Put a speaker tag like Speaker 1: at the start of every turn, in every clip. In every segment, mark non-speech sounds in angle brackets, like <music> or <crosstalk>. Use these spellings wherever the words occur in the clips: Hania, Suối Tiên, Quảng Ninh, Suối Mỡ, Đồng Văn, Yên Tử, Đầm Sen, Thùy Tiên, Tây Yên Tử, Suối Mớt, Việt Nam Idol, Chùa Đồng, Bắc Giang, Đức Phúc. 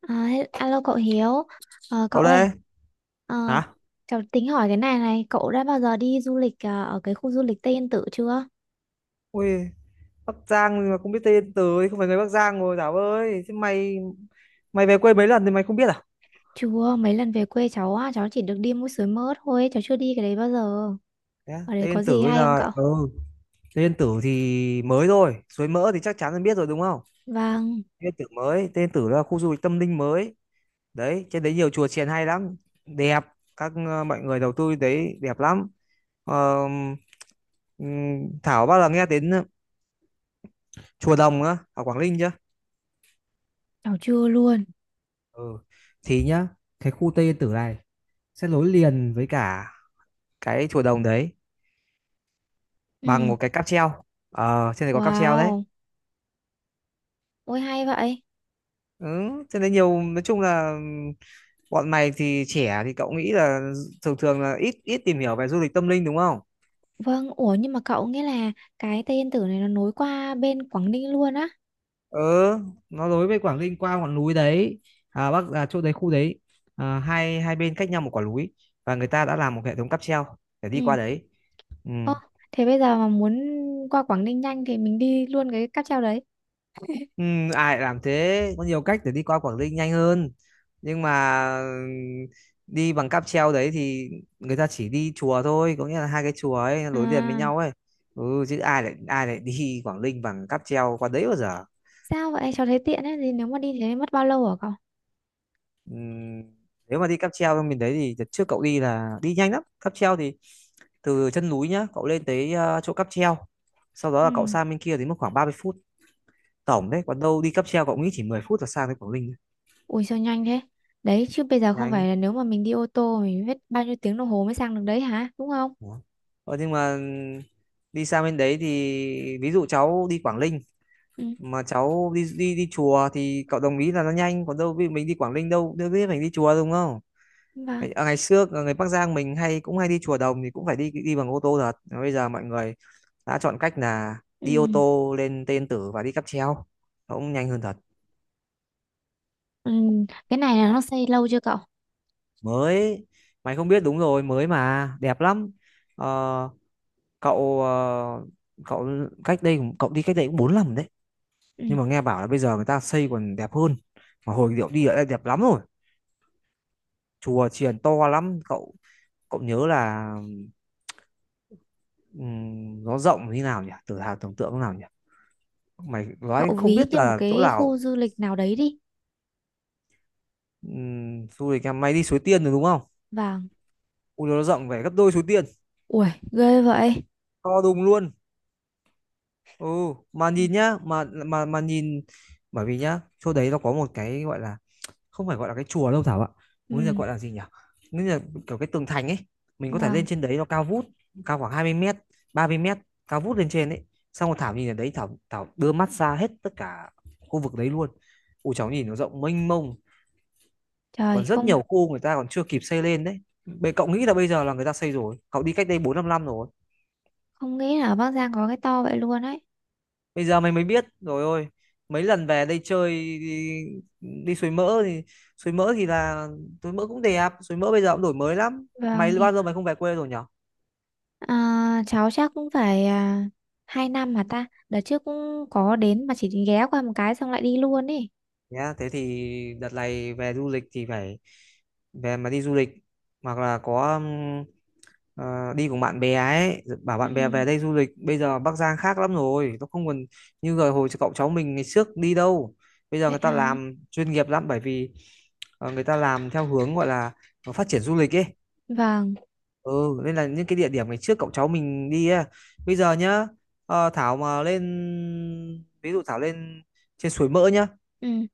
Speaker 1: Alo cậu Hiếu, cậu
Speaker 2: Cậu
Speaker 1: ơi,
Speaker 2: đây
Speaker 1: ờ,
Speaker 2: hả?
Speaker 1: cháu tính hỏi cái này này, cậu đã bao giờ đi du lịch ở cái khu du lịch Tây Yên Tử chưa?
Speaker 2: Ui, Bắc Giang mà không biết Tên Từ thì không phải người Bắc Giang rồi, Thảo ơi. Thế mày mày về quê mấy lần thì mày không biết à?
Speaker 1: Chưa, mấy lần về quê cháu á, cháu chỉ được đi mũi Suối Mớt thôi, cháu chưa đi cái đấy bao giờ.
Speaker 2: Thế á?
Speaker 1: Ở đấy
Speaker 2: Tên Yên
Speaker 1: có
Speaker 2: Tử
Speaker 1: gì
Speaker 2: bây
Speaker 1: hay không
Speaker 2: giờ
Speaker 1: cậu?
Speaker 2: Tên Yên Tử thì mới rồi, Suối Mỡ thì chắc chắn là biết rồi đúng không.
Speaker 1: Vâng.
Speaker 2: Tên Yên Tử mới. Tên Yên Tử là khu du lịch tâm linh mới đấy, trên đấy nhiều chùa chiền hay lắm, đẹp. Mọi người đầu tư đấy, đẹp lắm. Ờ, Thảo bao giờ nghe đến chùa Đồng á ở Quảng Ninh chưa?
Speaker 1: Cháu chưa luôn.
Speaker 2: Ừ, thì nhá, cái khu Tây Yên Tử này sẽ nối liền với cả cái chùa Đồng đấy bằng
Speaker 1: Ừ.
Speaker 2: một cái cáp treo. Ờ, trên này có cáp treo đấy.
Speaker 1: Wow, ôi hay vậy.
Speaker 2: Ừ, trên đấy nhiều, nói chung là bọn mày thì trẻ thì cậu nghĩ là thường thường là ít ít tìm hiểu về du lịch tâm linh đúng không.
Speaker 1: Vâng, ủa nhưng mà cậu nghĩa là cái Tây Yên Tử này nó nối qua bên Quảng Ninh luôn á.
Speaker 2: Ừ, nó nối với Quảng Ninh qua ngọn núi đấy. Chỗ đấy, khu đấy, à, hai hai bên cách nhau một quả núi và người ta đã làm một hệ thống cáp treo để đi qua
Speaker 1: Ừ.
Speaker 2: đấy. Ừ.
Speaker 1: Ơ, thế bây giờ mà muốn qua Quảng Ninh nhanh thì mình đi luôn cái cáp treo đấy.
Speaker 2: Ừ, ai lại làm thế, có nhiều cách để đi qua Quảng Ninh nhanh hơn, nhưng mà đi bằng cáp treo đấy thì người ta chỉ đi chùa thôi, có nghĩa là hai cái chùa ấy nối liền với
Speaker 1: À.
Speaker 2: nhau ấy. Ừ, chứ ai lại <laughs> đi Quảng Ninh bằng cáp treo qua đấy bao giờ.
Speaker 1: Sao vậy? Cháu thấy tiện ấy. Thì nếu mà đi thế mất bao lâu hả cậu?
Speaker 2: Ừ, nếu mà đi cáp treo bên mình đấy thì đợt trước cậu đi là đi nhanh lắm, cáp treo thì từ chân núi nhá, cậu lên tới chỗ cáp treo, sau đó
Speaker 1: Ừ.
Speaker 2: là cậu sang bên kia thì mất khoảng 30 phút tổng đấy, còn đâu đi cáp treo cậu nghĩ chỉ 10 phút là sang tới Quảng Ninh.
Speaker 1: Ui sao nhanh thế? Đấy chứ bây giờ không phải
Speaker 2: Nhanh.
Speaker 1: là nếu mà mình đi ô tô mình biết bao nhiêu tiếng đồng hồ mới sang được đấy hả? Đúng không?
Speaker 2: Đó. Ờ, nhưng mà đi sang bên đấy thì ví dụ cháu đi Quảng Ninh
Speaker 1: Ừ.
Speaker 2: mà cháu đi đi đi chùa thì cậu đồng ý là nó nhanh, còn đâu ví dụ mình đi Quảng Ninh đâu đâu biết mình đi chùa đúng không.
Speaker 1: Vâng.
Speaker 2: Ngày xưa ở người Bắc Giang mình cũng hay đi chùa Đồng thì cũng phải đi đi bằng ô tô thật. Mà bây giờ mọi người đã chọn cách là
Speaker 1: Ừ.
Speaker 2: đi ô tô lên Tên Tử và đi cáp treo, nó cũng nhanh hơn thật.
Speaker 1: Ừ. Cái này là nó xây lâu chưa cậu?
Speaker 2: Mới. Mày không biết đúng rồi, mới mà đẹp lắm. Ờ, cậu ờ, cậu cách đây, cậu đi cách đây cũng 4 năm đấy,
Speaker 1: Ừ.
Speaker 2: nhưng mà nghe bảo là bây giờ người ta xây còn đẹp hơn, mà hồi điệu đi đã đẹp lắm rồi. Chùa chiền to lắm cậu. Cậu nhớ là nó rộng như nào nhỉ, từ hào tưởng tượng thế nào nhỉ, mày nói
Speaker 1: Cậu
Speaker 2: không
Speaker 1: ví
Speaker 2: biết
Speaker 1: như một
Speaker 2: là chỗ
Speaker 1: cái
Speaker 2: nào.
Speaker 1: khu du lịch nào đấy đi.
Speaker 2: Du lịch em mày đi Suối Tiên rồi đúng không.
Speaker 1: Vâng.
Speaker 2: Ui, nó rộng phải gấp đôi Suối Tiên.
Speaker 1: Ui ghê vậy.
Speaker 2: To đùng luôn. Ừ, mà nhìn nhá, mà nhìn, bởi vì nhá chỗ đấy nó có một cái gọi là, không phải gọi là cái chùa đâu Thảo ạ, bây giờ
Speaker 1: Ừ.
Speaker 2: gọi là gì nhỉ, bây giờ kiểu cái tường thành ấy. Mình có thể lên
Speaker 1: Vâng.
Speaker 2: trên đấy, nó cao vút, cao khoảng 20 mét, 30 mét, cao vút lên trên ấy. Xong rồi Thảo nhìn ở đấy, Thảo Thảo đưa mắt ra hết tất cả khu vực đấy luôn. Ui cháu nhìn nó rộng mênh mông,
Speaker 1: Trời
Speaker 2: còn rất
Speaker 1: không,
Speaker 2: nhiều khu người ta còn chưa kịp xây lên đấy. Bệ cậu nghĩ là bây giờ là người ta xây rồi, cậu đi cách đây 4-5 năm rồi.
Speaker 1: không nghĩ là ở Bắc Giang có cái to vậy luôn ấy.
Speaker 2: Bây giờ mày mới biết rồi, ôi. Mấy lần về đây chơi, đi, đi suối mỡ thì, suối mỡ thì là, suối mỡ cũng đẹp, suối mỡ bây giờ cũng đổi mới lắm,
Speaker 1: Vâng
Speaker 2: mày
Speaker 1: thì
Speaker 2: bao giờ mày không về quê rồi nhỉ.
Speaker 1: Cháu chắc cũng phải hai năm mà ta đợt trước cũng có đến mà chỉ ghé qua một cái xong lại đi luôn ý.
Speaker 2: Nhá thế thì đợt này về du lịch thì phải về mà đi du lịch hoặc là có đi cùng bạn bè ấy, bảo
Speaker 1: Ừ,
Speaker 2: bạn bè về đây du lịch. Bây giờ Bắc Giang khác lắm rồi, nó không còn như rồi hồi cậu cháu mình ngày trước đi đâu, bây giờ
Speaker 1: vậy
Speaker 2: người ta
Speaker 1: hả.
Speaker 2: làm chuyên nghiệp lắm, bởi vì người ta làm theo hướng gọi là phát triển du lịch ấy.
Speaker 1: Vâng.
Speaker 2: Ừ, nên là những cái địa điểm ngày trước cậu cháu mình đi ấy, bây giờ nhá, Thảo mà lên, ví dụ Thảo lên trên suối Mỡ nhá,
Speaker 1: Ừ.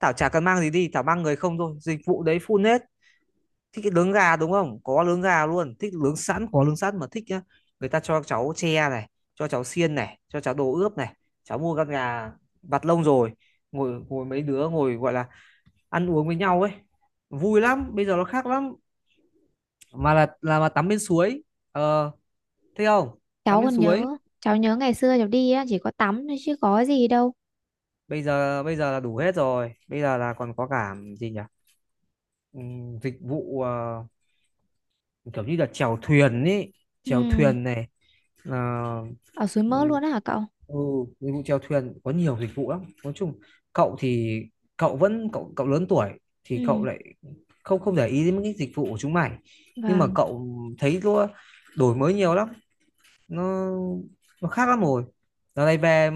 Speaker 2: Thảo chả cần mang gì đi, Thảo mang người không thôi, dịch vụ đấy full hết. Thích cái nướng gà đúng không, có nướng gà luôn, thích nướng sẵn có nướng sẵn, mà thích nhá, người ta cho cháu tre này, cho cháu xiên này, cho cháu đồ ướp này, cháu mua con gà, vặt lông rồi ngồi ngồi mấy đứa ngồi gọi là ăn uống với nhau ấy, vui lắm. Bây giờ nó khác lắm, mà là mà tắm bên suối. Ờ thấy không. Tắm
Speaker 1: Cháu
Speaker 2: bên
Speaker 1: còn
Speaker 2: suối
Speaker 1: nhớ, cháu nhớ ngày xưa cháu đi á chỉ có tắm thôi chứ có gì đâu.
Speaker 2: bây giờ, bây giờ là đủ hết rồi, bây giờ là còn có cả gì nhỉ, dịch vụ kiểu như là chèo thuyền ấy, chèo
Speaker 1: Ừ.
Speaker 2: thuyền này là.
Speaker 1: Ở suối
Speaker 2: Ừ,
Speaker 1: Mỡ luôn á hả cậu?
Speaker 2: ừ, dịch vụ chèo thuyền, có nhiều dịch vụ lắm, nói chung cậu thì cậu lớn tuổi thì cậu
Speaker 1: Ừ.
Speaker 2: lại không không để ý đến những cái dịch vụ của chúng mày, nhưng mà
Speaker 1: Vâng.
Speaker 2: cậu thấy nó đổi mới nhiều lắm, nó nó khác lắm rồi. Giờ này về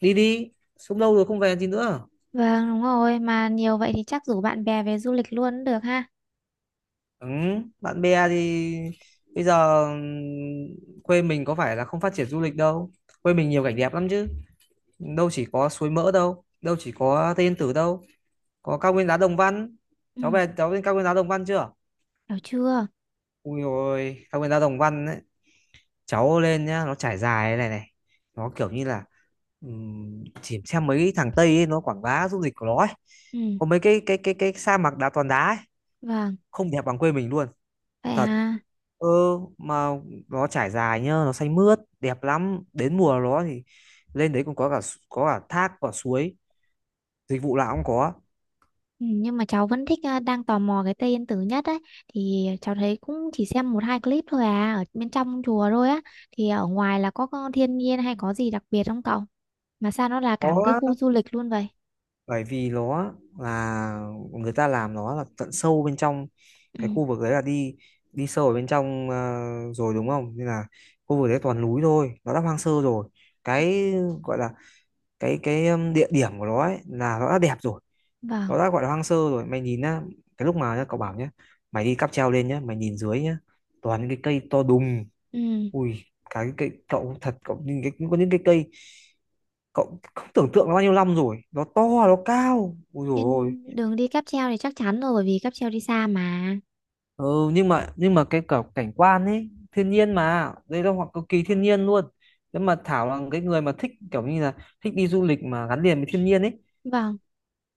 Speaker 2: đi đi, sống lâu rồi không về gì nữa.
Speaker 1: Vâng đúng rồi, mà nhiều vậy thì chắc rủ bạn bè về du lịch luôn cũng được ha.
Speaker 2: Ừ, bạn bè thì bây giờ quê mình có phải là không phát triển du lịch đâu, quê mình nhiều cảnh đẹp lắm chứ, đâu chỉ có suối mỡ đâu, đâu chỉ có Tây Yên Tử đâu. Có cao nguyên đá Đồng Văn. Cháu
Speaker 1: Ừ.
Speaker 2: về cháu lên cao nguyên đá Đồng Văn chưa?
Speaker 1: Hiểu chưa.
Speaker 2: Ui ôi cao nguyên đá Đồng Văn ấy, cháu lên nhá, nó trải dài thế này này, nó kiểu như là chỉ xem mấy thằng Tây ấy, nó quảng bá du lịch của nó ấy,
Speaker 1: Ừ.
Speaker 2: có mấy cái sa mạc đá toàn đá ấy.
Speaker 1: Vâng.
Speaker 2: Không đẹp bằng quê mình luôn.
Speaker 1: Vậy
Speaker 2: Thật.
Speaker 1: ha.
Speaker 2: Ừ, mà nó trải dài nhá, nó xanh mướt đẹp lắm, đến mùa nó thì lên đấy còn có cả, có cả thác, có suối, dịch vụ nào cũng có.
Speaker 1: Ừ, nhưng mà cháu vẫn thích, đang tò mò cái Tây Yên Tử nhất ấy, thì cháu thấy cũng chỉ xem một hai clip thôi à ở bên trong chùa thôi á, thì ở ngoài là có thiên nhiên hay có gì đặc biệt không cậu? Mà sao nó là cả một cái
Speaker 2: Có,
Speaker 1: khu du lịch luôn vậy?
Speaker 2: bởi vì nó là người ta làm nó là tận sâu bên trong,
Speaker 1: Ừ.
Speaker 2: cái khu vực đấy là đi, đi sâu ở bên trong rồi đúng không, nên là khu vực đấy toàn núi thôi, nó đã hoang sơ rồi, cái gọi là cái địa điểm của nó ấy là nó đã đẹp rồi,
Speaker 1: Vâng.
Speaker 2: nó đã gọi là hoang sơ rồi. Mày nhìn á cái lúc mà nhá, cậu bảo nhá, mày đi cáp treo lên nhá, mày nhìn dưới nhá, toàn những cái cây to đùng.
Speaker 1: Ừ.
Speaker 2: Ui cái cây cậu, thật cậu nhìn cái, có những cái cây cậu không tưởng tượng nó bao nhiêu năm rồi, nó to, nó cao, ui dồi ôi.
Speaker 1: Trên đường đi cáp treo thì chắc chắn rồi bởi vì cáp treo đi xa mà.
Speaker 2: Nhưng mà cái cả cảnh quan ấy thiên nhiên, mà đây là hoặc cực kỳ thiên nhiên luôn, nếu mà Thảo là cái người mà thích kiểu như là thích đi du lịch mà gắn liền với thiên nhiên ấy,
Speaker 1: Vâng.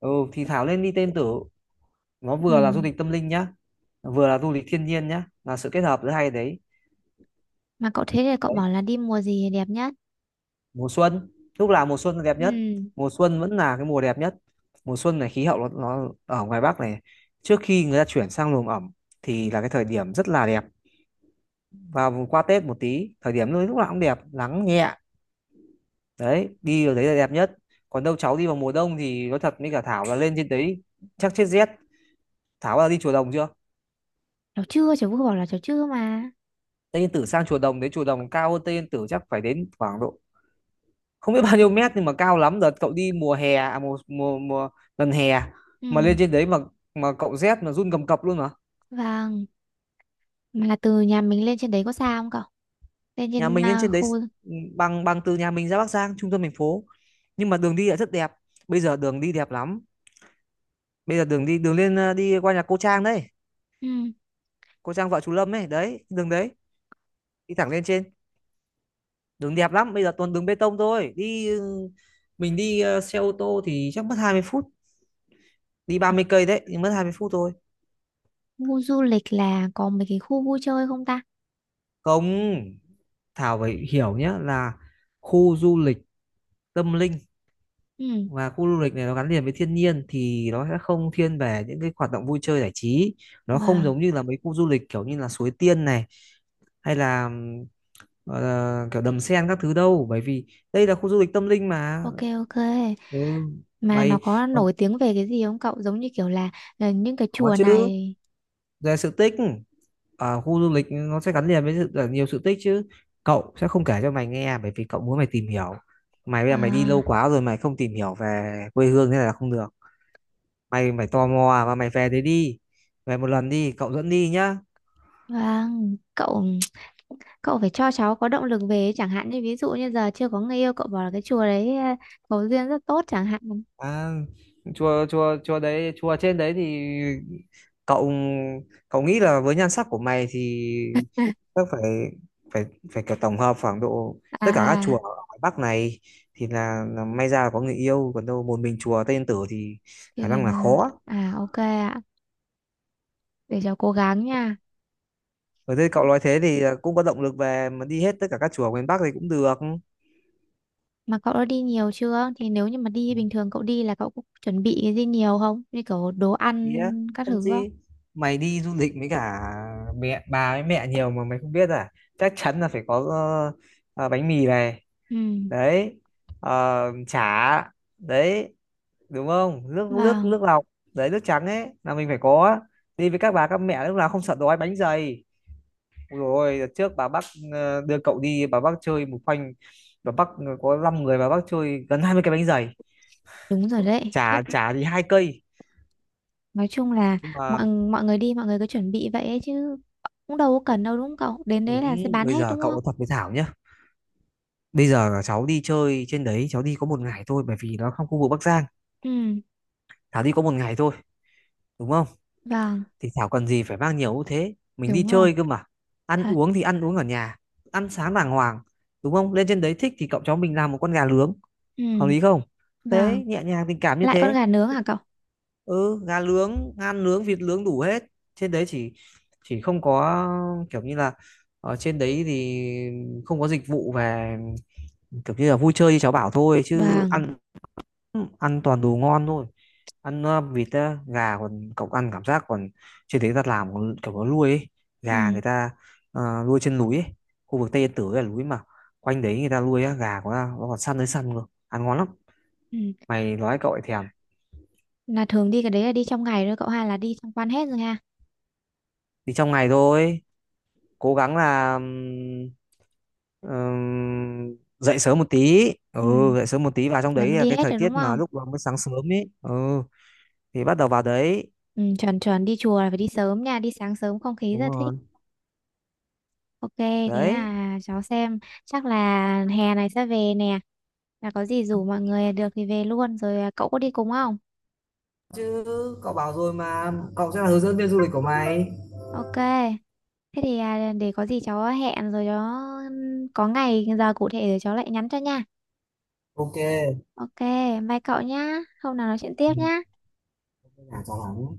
Speaker 2: ừ, thì Thảo lên đi tên tử, nó
Speaker 1: Ừ.
Speaker 2: vừa là du lịch tâm linh nhá, vừa là du lịch thiên nhiên nhá, là sự kết hợp giữa hai đấy.
Speaker 1: Mà cậu thế thì cậu
Speaker 2: Đấy,
Speaker 1: bảo là đi mùa gì đẹp nhất?
Speaker 2: mùa xuân, lúc nào mùa xuân là đẹp nhất,
Speaker 1: Ừ.
Speaker 2: mùa xuân vẫn là cái mùa đẹp nhất. Mùa xuân này khí hậu nó ở ngoài Bắc này trước khi người ta chuyển sang luồng ẩm thì là cái thời điểm rất là đẹp, và qua Tết một tí thời điểm lúc lúc nào cũng đẹp, nắng nhẹ. Đấy, đi vào đấy là đẹp nhất, còn đâu cháu đi vào mùa đông thì nói thật với cả Thảo là lên trên đấy chắc chết rét. Thảo là đi chùa Đồng chưa?
Speaker 1: Cháu chưa, cháu vừa bảo là cháu chưa mà.
Speaker 2: Tây Yên Tử sang chùa Đồng đấy, chùa Đồng cao hơn Tây Yên Tử chắc phải đến khoảng độ không biết bao nhiêu mét nhưng mà cao lắm. Đợt cậu đi mùa hè, à, mùa, mùa mùa gần hè, mà lên
Speaker 1: Ừ.
Speaker 2: trên đấy mà cậu rét mà run cầm cập luôn. Mà
Speaker 1: Vâng. Mà là từ nhà mình lên trên đấy có xa không cậu? Lên
Speaker 2: nhà
Speaker 1: trên
Speaker 2: mình lên trên đấy
Speaker 1: khu.
Speaker 2: bằng bằng từ nhà mình ra Bắc Giang trung tâm thành phố, nhưng mà đường đi lại rất đẹp. Bây giờ đường đi đẹp lắm, bây giờ đường đi, đường lên đi qua nhà cô Trang đấy,
Speaker 1: Ừ.
Speaker 2: cô Trang vợ chú Lâm ấy, đấy đường đấy, đi thẳng lên trên, đường đẹp lắm, bây giờ toàn đường bê tông thôi đi. Ừ, mình đi xe ô tô thì chắc mất 20 phút, đi 30 cây đấy, nhưng mất 20 phút thôi.
Speaker 1: Khu du lịch là có mấy cái khu vui chơi không ta?
Speaker 2: Không, Thảo phải hiểu nhé, là khu du lịch tâm linh
Speaker 1: Ừ.
Speaker 2: và khu du lịch này nó gắn liền với thiên nhiên thì nó sẽ không thiên về những cái hoạt động vui chơi giải trí. Nó không
Speaker 1: Vâng.
Speaker 2: giống như là mấy khu du lịch kiểu như là Suối Tiên này hay là gọi là kiểu Đầm Sen các thứ đâu, bởi vì đây là khu du lịch tâm linh mà.
Speaker 1: Ok ok.
Speaker 2: ừ,
Speaker 1: Mà nó
Speaker 2: mày
Speaker 1: có
Speaker 2: có,
Speaker 1: nổi tiếng về cái gì không cậu? Giống như kiểu là những cái
Speaker 2: có
Speaker 1: chùa
Speaker 2: chứ,
Speaker 1: này.
Speaker 2: về sự tích. Khu du lịch nó sẽ gắn liền với là nhiều sự tích chứ. Cậu sẽ không kể cho mày nghe bởi vì cậu muốn mày tìm hiểu. Mày bây giờ mày đi
Speaker 1: À,
Speaker 2: lâu quá rồi, mày không tìm hiểu về quê hương thế này là không được. Mày mày tò mò và mày về đấy đi, về một lần đi, cậu dẫn đi nhá.
Speaker 1: vâng, cậu cậu phải cho cháu có động lực về ấy. Chẳng hạn như ví dụ như giờ chưa có người yêu, cậu bảo là cái chùa đấy có duyên rất tốt chẳng hạn.
Speaker 2: À, chùa chùa chùa đấy, chùa trên đấy thì cậu cậu nghĩ là với nhan sắc của mày thì chắc phải phải phải kiểu tổng hợp khoảng độ
Speaker 1: À,
Speaker 2: tất cả các
Speaker 1: à,
Speaker 2: chùa ở ngoài Bắc này, thì là may ra là có người yêu, còn đâu một mình chùa Tây Yên Tử thì
Speaker 1: thế
Speaker 2: khả năng
Speaker 1: nên
Speaker 2: là
Speaker 1: là-
Speaker 2: khó.
Speaker 1: à ok ạ. Để cháu cố gắng nha.
Speaker 2: Ở đây cậu nói thế thì cũng có động lực về mà đi hết tất cả các chùa ở miền Bắc thì cũng được.
Speaker 1: Mà cậu đã đi nhiều chưa? Thì nếu như mà đi bình thường cậu đi là cậu cũng chuẩn bị cái gì nhiều không? Như kiểu đồ ăn
Speaker 2: Ý á,
Speaker 1: các
Speaker 2: làm
Speaker 1: thứ không?
Speaker 2: gì? Mày đi du lịch với cả mẹ, bà với mẹ nhiều mà mày không biết à? Chắc chắn là phải có ờ, bánh mì này,
Speaker 1: Ừ,
Speaker 2: đấy, chả, đấy, đúng không? Nước nước
Speaker 1: vâng,
Speaker 2: nước lọc, đấy, nước trắng ấy là mình phải có. Đi với các bà các mẹ lúc nào không sợ đói bánh dày. Rồi đợt trước bà bắc đưa cậu đi, bà bắc chơi một khoanh, bà bắc có 5 người bà bắc chơi gần 20 cái bánh dày,
Speaker 1: đúng rồi đấy. Khiếp.
Speaker 2: chả chả thì 2 cây,
Speaker 1: Nói chung là
Speaker 2: nhưng mà,
Speaker 1: mọi mọi người đi, mọi người cứ chuẩn bị vậy ấy chứ cũng đâu có cần đâu đúng không cậu? Đến đấy
Speaker 2: đúng.
Speaker 1: là sẽ bán
Speaker 2: Bây
Speaker 1: hết
Speaker 2: giờ
Speaker 1: đúng
Speaker 2: cậu nói
Speaker 1: không?
Speaker 2: thật với Thảo nhá, bây giờ cháu đi chơi trên đấy cháu đi có một ngày thôi, bởi vì nó trong khu vực Bắc Giang.
Speaker 1: Ừ,
Speaker 2: Thảo đi có một ngày thôi, đúng không?
Speaker 1: vâng,
Speaker 2: Thì Thảo cần gì phải mang nhiều như thế, mình đi
Speaker 1: đúng rồi.
Speaker 2: chơi cơ mà. Ăn
Speaker 1: Thật.
Speaker 2: uống thì ăn uống ở nhà, ăn sáng đàng hoàng, đúng không? Lên trên đấy thích thì cậu cháu mình làm một con gà nướng, hợp
Speaker 1: Ừ,
Speaker 2: lý không?
Speaker 1: vâng.
Speaker 2: Thế nhẹ nhàng tình cảm như
Speaker 1: Lại con
Speaker 2: thế.
Speaker 1: gà nướng hả cậu?
Speaker 2: Ừ, gà nướng ngan nướng vịt nướng đủ hết. Trên đấy chỉ không có kiểu như là, ở trên đấy thì không có dịch vụ về kiểu như là vui chơi như cháu bảo thôi, chứ
Speaker 1: Vâng.
Speaker 2: ăn. Ừ, ăn toàn đồ ngon thôi. Ăn vịt á, gà, còn cậu ăn cảm giác còn trên đấy ta làm còn kiểu nó nuôi ấy.
Speaker 1: Ừ,
Speaker 2: Gà người ta nuôi trên núi ấy. Khu vực Tây Yên Tử ấy là núi mà, quanh đấy người ta nuôi á, gà của ta nó còn săn tới săn cơ, ăn ngon lắm.
Speaker 1: ừ.
Speaker 2: Mày nói cậu ấy thèm.
Speaker 1: Là thường đi cái đấy là đi trong ngày thôi cậu ha, là đi tham quan hết rồi ha.
Speaker 2: Thì trong ngày thôi, cố gắng là dậy sớm một tí,
Speaker 1: Ừ,
Speaker 2: dậy sớm một tí vào trong
Speaker 1: là
Speaker 2: đấy
Speaker 1: mới
Speaker 2: là
Speaker 1: đi
Speaker 2: cái
Speaker 1: hết
Speaker 2: thời
Speaker 1: rồi đúng
Speaker 2: tiết mà
Speaker 1: không?
Speaker 2: lúc đó mới sáng sớm ấy, thì bắt đầu vào đấy.
Speaker 1: Ừ, chuẩn chuẩn, đi chùa là phải đi sớm nha, đi sáng sớm không khí
Speaker 2: Đúng
Speaker 1: rất thích.
Speaker 2: rồi
Speaker 1: Ok, thế
Speaker 2: đấy
Speaker 1: là cháu xem chắc là hè này sẽ về nè. Là có gì rủ mọi người được thì về luôn rồi, à, cậu có đi cùng không?
Speaker 2: chứ. Cậu bảo rồi mà, cậu sẽ là hướng dẫn viên du lịch của mày.
Speaker 1: Ok. Thế thì à, để có gì cháu hẹn rồi đó, có ngày giờ cụ thể rồi cháu lại nhắn cho nha.
Speaker 2: Ok.
Speaker 1: Ok, bye cậu nhá. Hôm nào nói chuyện tiếp
Speaker 2: Ừ,
Speaker 1: nhá.
Speaker 2: thế là cho lắm.